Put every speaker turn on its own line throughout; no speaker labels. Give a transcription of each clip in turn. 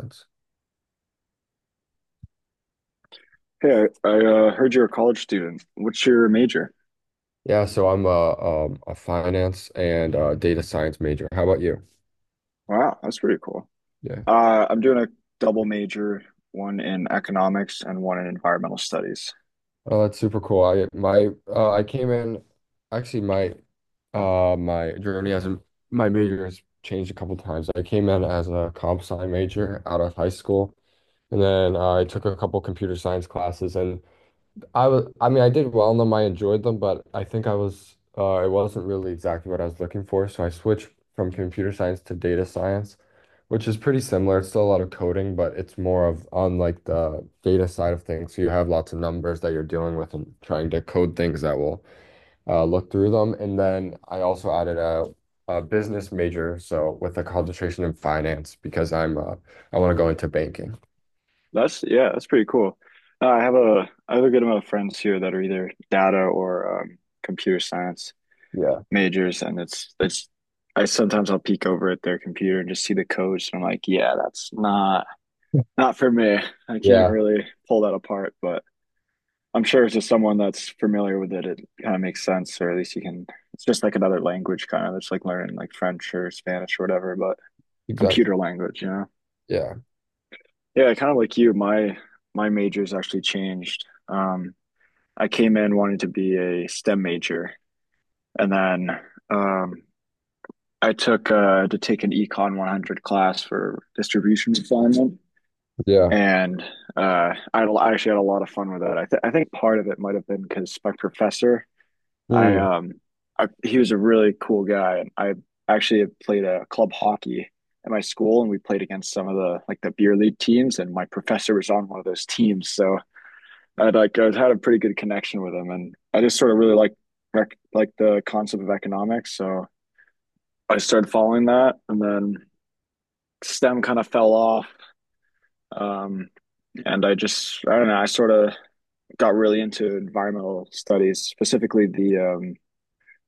Sense.
Hey, I heard you're a college student. What's your major?
Yeah, so I'm a finance and data science major. How about you?
Wow, that's pretty cool.
Yeah.
I'm doing a double major, one in economics and one in environmental studies.
Oh, that's super cool. I came in actually my my my major has changed a couple times. I came in as a comp sci major out of high school, and then I took a couple computer science classes, and I mean, I did well in them. I enjoyed them, but I think it wasn't really exactly what I was looking for. So I switched from computer science to data science, which is pretty similar. It's still a lot of coding, but it's more of on like the data side of things. So you have lots of numbers that you're dealing with and trying to code things that will look through them. And then I also added a business major, so with a concentration in finance because I want to go into banking.
That's Yeah, that's pretty cool. I have a good amount of friends here that are either data or computer science
Yeah.
majors, and it's I sometimes I'll peek over at their computer and just see the codes, and I'm like, yeah, that's not for me. I can't
Yeah,
really pull that apart, but I'm sure it's just someone that's familiar with it. It kind of makes sense, or at least you can. It's just like another language, kind of. It's like learning like French or Spanish or whatever, but
exactly.
computer language, you know?
Yeah.
Yeah, kind of like you. My major's actually changed. I came in wanting to be a STEM major, and then um, I took to take an Econ 100 class for distribution assignment,
Yeah.
and I actually had a lot of fun with that. I think part of it might have been because my professor. I
Hmm.
um he was a really cool guy, and I actually had played a club hockey at my school, and we played against some of the like the beer league teams, and my professor was on one of those teams, so I had a pretty good connection with him, and I just sort of really like like the concept of economics, so I started following that, and then STEM kind of fell off. Um, and I just, I don't know, I sort of got really into environmental studies, specifically the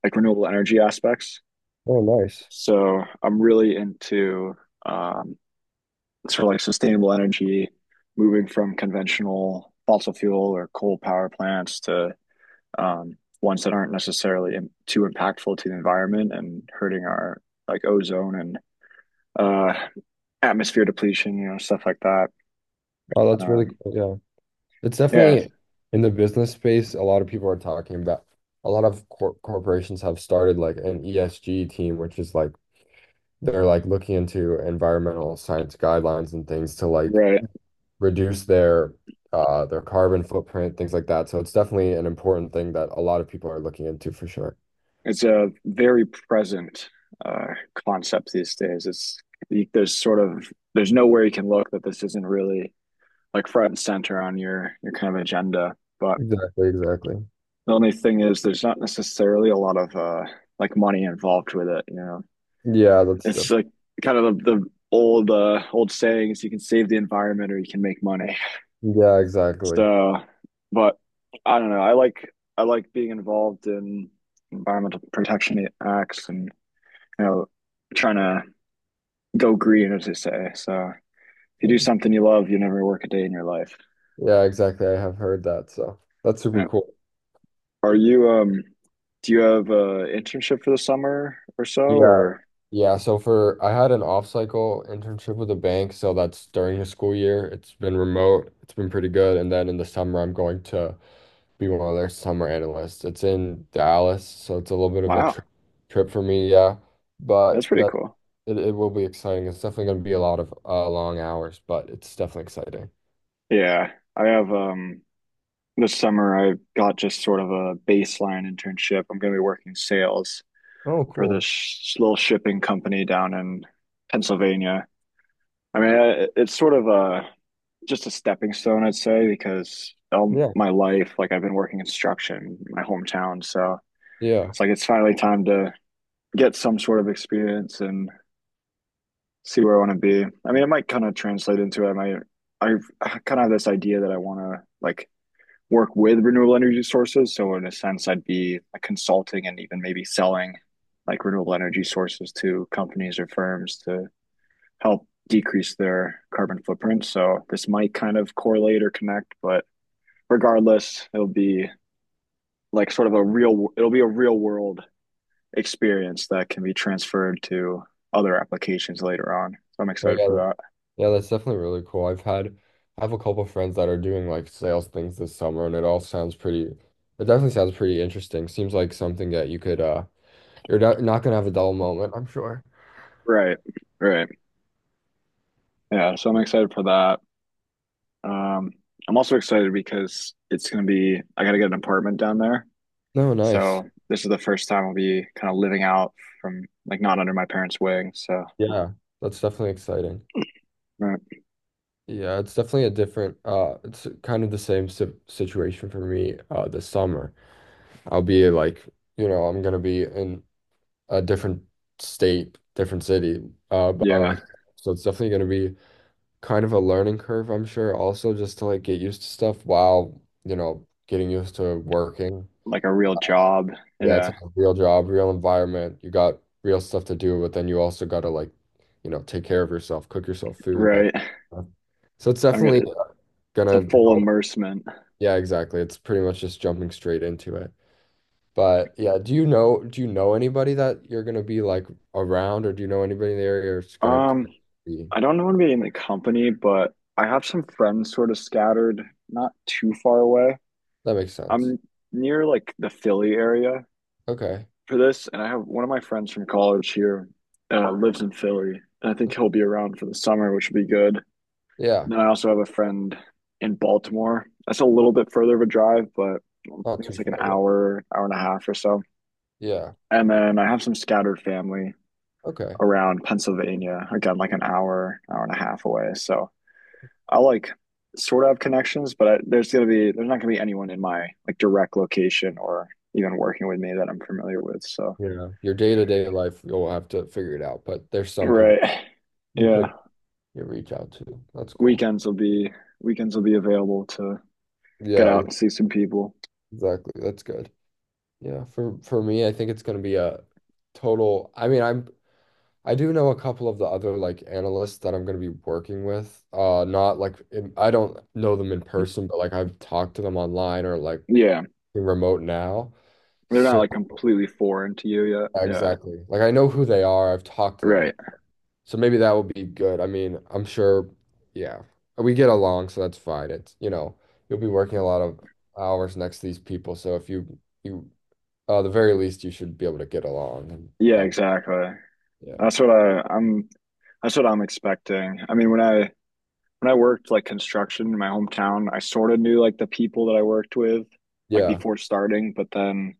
like renewable energy aspects.
Oh, nice.
So I'm really into um, sort of like sustainable energy, moving from conventional fossil fuel or coal power plants to ones that aren't necessarily too impactful to the environment and hurting our like ozone and uh, atmosphere depletion, stuff like that.
Oh, that's really
Um,
cool. Yeah. It's
yeah,
definitely in the business space, a lot of people are talking about a lot of corporations have started like an ESG team, which is like they're like looking into environmental science guidelines and things to like
right.
reduce their carbon footprint, things like that. So it's definitely an important thing that a lot of people are looking into for sure.
It's a very present uh, concept these days. There's sort of there's nowhere you can look that this isn't really like front and center on your kind of agenda. But
Exactly, exactly.
the only thing is, there's not necessarily a lot of like money involved with it.
Yeah, that's
It's
def-
like kind of the old sayings: you can save the environment or you can make money.
yeah, exactly.
So, but I don't know. I like being involved in environmental protection acts and you know trying to go green, as they say. So if you do something you love, you never work a day in your life.
Yeah, exactly. I have heard that, so that's super
Yeah.
cool.
Are you do you have a internship for the summer or so
Yeah.
or
Yeah, so for I had an off-cycle internship with a bank, so that's during the school year. It's been remote, it's been pretty good. And then in the summer, I'm going to be one of their summer analysts. It's in Dallas, so it's a little bit of a
Wow,
trip for me, yeah.
that's
But
pretty
that
cool.
it will be exciting. It's definitely going to be a lot of long hours, but it's definitely exciting.
Yeah, I have this summer I got just sort of a baseline internship. I'm going to be working sales
Oh,
for this
cool.
sh little shipping company down in Pennsylvania. I mean, it's sort of a just a stepping stone, I'd say, because all
Yeah,
my life, like I've been working construction in my hometown, so
yeah,
it's finally time to get some sort of experience and see where I want to be. I mean, it might kind of translate into it. I kind of have this idea that I want to like work with renewable energy sources. So in a sense, I'd be like consulting and even maybe selling like renewable energy sources to companies or firms to help decrease their carbon footprint. So this might kind of correlate or connect, but regardless, it'll be a real world experience that can be transferred to other applications later on. So I'm
but
excited for
yeah.
that.
Yeah, that's definitely really cool. I have a couple friends that are doing like sales things this summer, and it all sounds pretty it definitely sounds pretty interesting. Seems like something that you could you're not gonna have a dull moment, I'm sure.
Right, right. Yeah, so I'm excited for that. Um, I'm also excited because I gotta get an apartment down there.
No,
So
nice.
this is the first time I'll be kind of living out from like not under my parents' wing. So,
Yeah, that's definitely exciting.
right.
Yeah, it's definitely a different it's kind of the same si situation for me this summer. I'll be like, you know, I'm gonna be in a different state, different city by
Yeah,
myself. So it's definitely gonna be kind of a learning curve, I'm sure, also just to like get used to stuff while, you know, getting used to working.
like a real job.
Yeah, it's
Yeah,
a real job, real environment. You got real stuff to do, but then you also got to like, you know, take care of yourself, cook yourself food, that
right.
stuff. So it's
I'm
definitely
gonna, it's a
gonna
full
help.
immersement.
Yeah, exactly. It's pretty much just jumping straight into it. But yeah, do you know anybody that you're gonna be like around, or do you know anybody in the area it's gonna
Um,
be?
I don't want to be in the company, but I have some friends sort of scattered, not too far away.
That makes sense.
I'm near like the Philly area,
Okay.
for this, and I have one of my friends from college here lives in Philly, and I think he'll be around for the summer, which would be good.
Yeah.
And then I also have a friend in Baltimore. That's a little bit further of a drive, but I
Not
think it's
too
like an
far, yeah.
hour, hour and a half or so.
Yeah.
And then I have some scattered family
Okay.
around Pennsylvania, again, like an hour, hour and a half away. So I like sort of have connections, but I, there's gonna be there's not gonna be anyone in my like direct location or even working with me that I'm familiar with. So,
Yeah, your day-to-day life, you'll have to figure it out, but there's some people
right,
you could
yeah.
you reach out to. That's cool.
Weekends will be Weekends will be available to get out
Yeah,
and see some people.
exactly. That's good. Yeah, for me, I think it's going to be a total. I mean, I do know a couple of the other like analysts that I'm going to be working with. Not I don't know them in person, but like I've talked to them online or like
Yeah,
remote now.
they're not
So
like completely foreign to you yet. Yeah,
exactly. Like I know who they are. I've talked to them.
right.
So maybe that will be good. I mean, I'm sure, yeah, we get along, so that's fine. It's, you know, you'll be working a lot of hours next to these people, so if you you the very least you should be able to get along, and
Yeah,
uh,
exactly.
yeah.
That's what I, I'm. That's what I'm expecting. I mean, when I worked like construction in my hometown, I sort of knew like the people that I worked with, like
Yeah,
before starting. But then,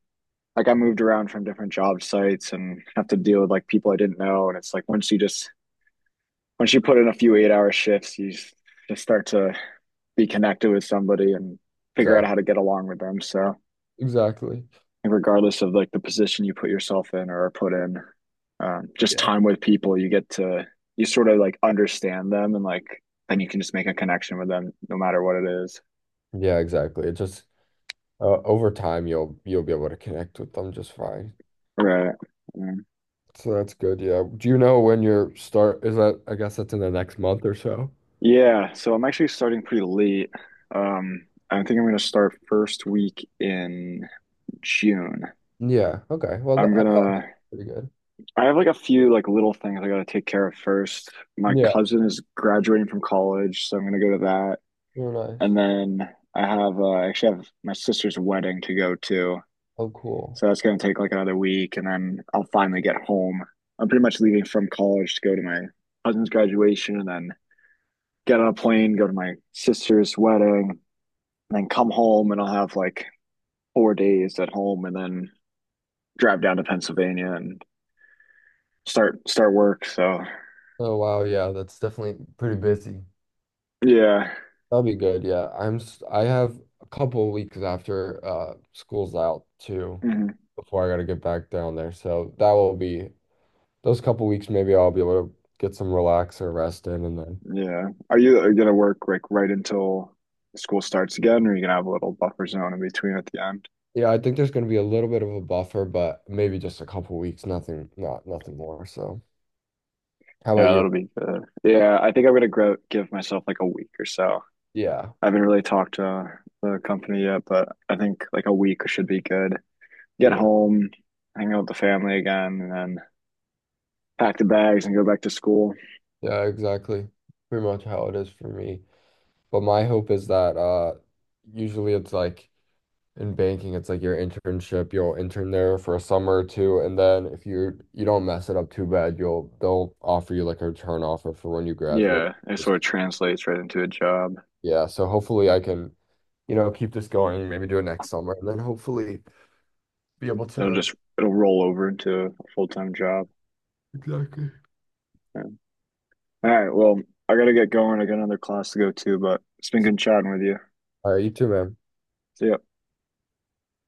like, I moved around from different job sites and have to deal with like people I didn't know. And it's like once you put in a few 8-hour shifts, you just start to be connected with somebody and figure out
exactly.
how to get along with them. So
Exactly.
regardless of like the position you put yourself in or put in, just
Yeah.
time with people, you get to you sort of like understand them and like then you can just make a connection with them no matter what it is.
Yeah, exactly. It just over time you'll be able to connect with them just fine.
Right. Mm.
So that's good. Yeah. Do you know when your start is? That I guess that's in the next month or so?
Yeah. So I'm actually starting pretty late. I think I'm gonna start first week in June.
Yeah. Okay. Well,
I'm
that, I
gonna
thought pretty good.
I have like a few like little things I gotta take care of first. My
Yeah.
cousin is graduating from college, so I'm gonna go to that.
You're nice.
And then I actually have my sister's wedding to go to.
Oh, cool.
So that's gonna take like another week and then I'll finally get home. I'm pretty much leaving from college to go to my cousin's graduation and then get on a plane, go to my sister's wedding, and then come home and I'll have like 4 days at home and then drive down to Pennsylvania and start work. So
Oh wow, yeah, that's definitely pretty busy.
yeah.
That'll be good. I have a couple weeks after school's out too
Mhm.
before I gotta get back down there. So that will be those couple weeks. Maybe I'll be able to get some relax or rest in, and then
Yeah. Are you gonna work like right until school starts again, or are you gonna have a little buffer zone in between at the end?
yeah, I think there's gonna be a little bit of a buffer, but maybe just a couple weeks. Not nothing more. So how about
Yeah, that'll
you?
be good. Yeah, I think I'm gonna grow give myself like a week or so.
Yeah,
I haven't really talked to the company yet, but I think like a week should be good. Get
yeah,
home, hang out with the family again, and then pack the bags and go back to school.
yeah. Exactly. Pretty much how it is for me. But my hope is that usually it's like. In banking, it's like your internship. You'll intern there for a summer or two, and then if you don't mess it up too bad, you'll they'll offer you like a return offer for when you graduate.
Yeah, it sort
Just-
of translates right into a job.
Yeah, so hopefully I can, you know, keep this going, maybe do it next summer, and then hopefully be able
It'll
to.
just it'll roll over into a full-time job.
Exactly.
Yeah. All right, well, I gotta get going. I got another class to go to, but it's been good chatting with you.
All right, you too, man.
See ya.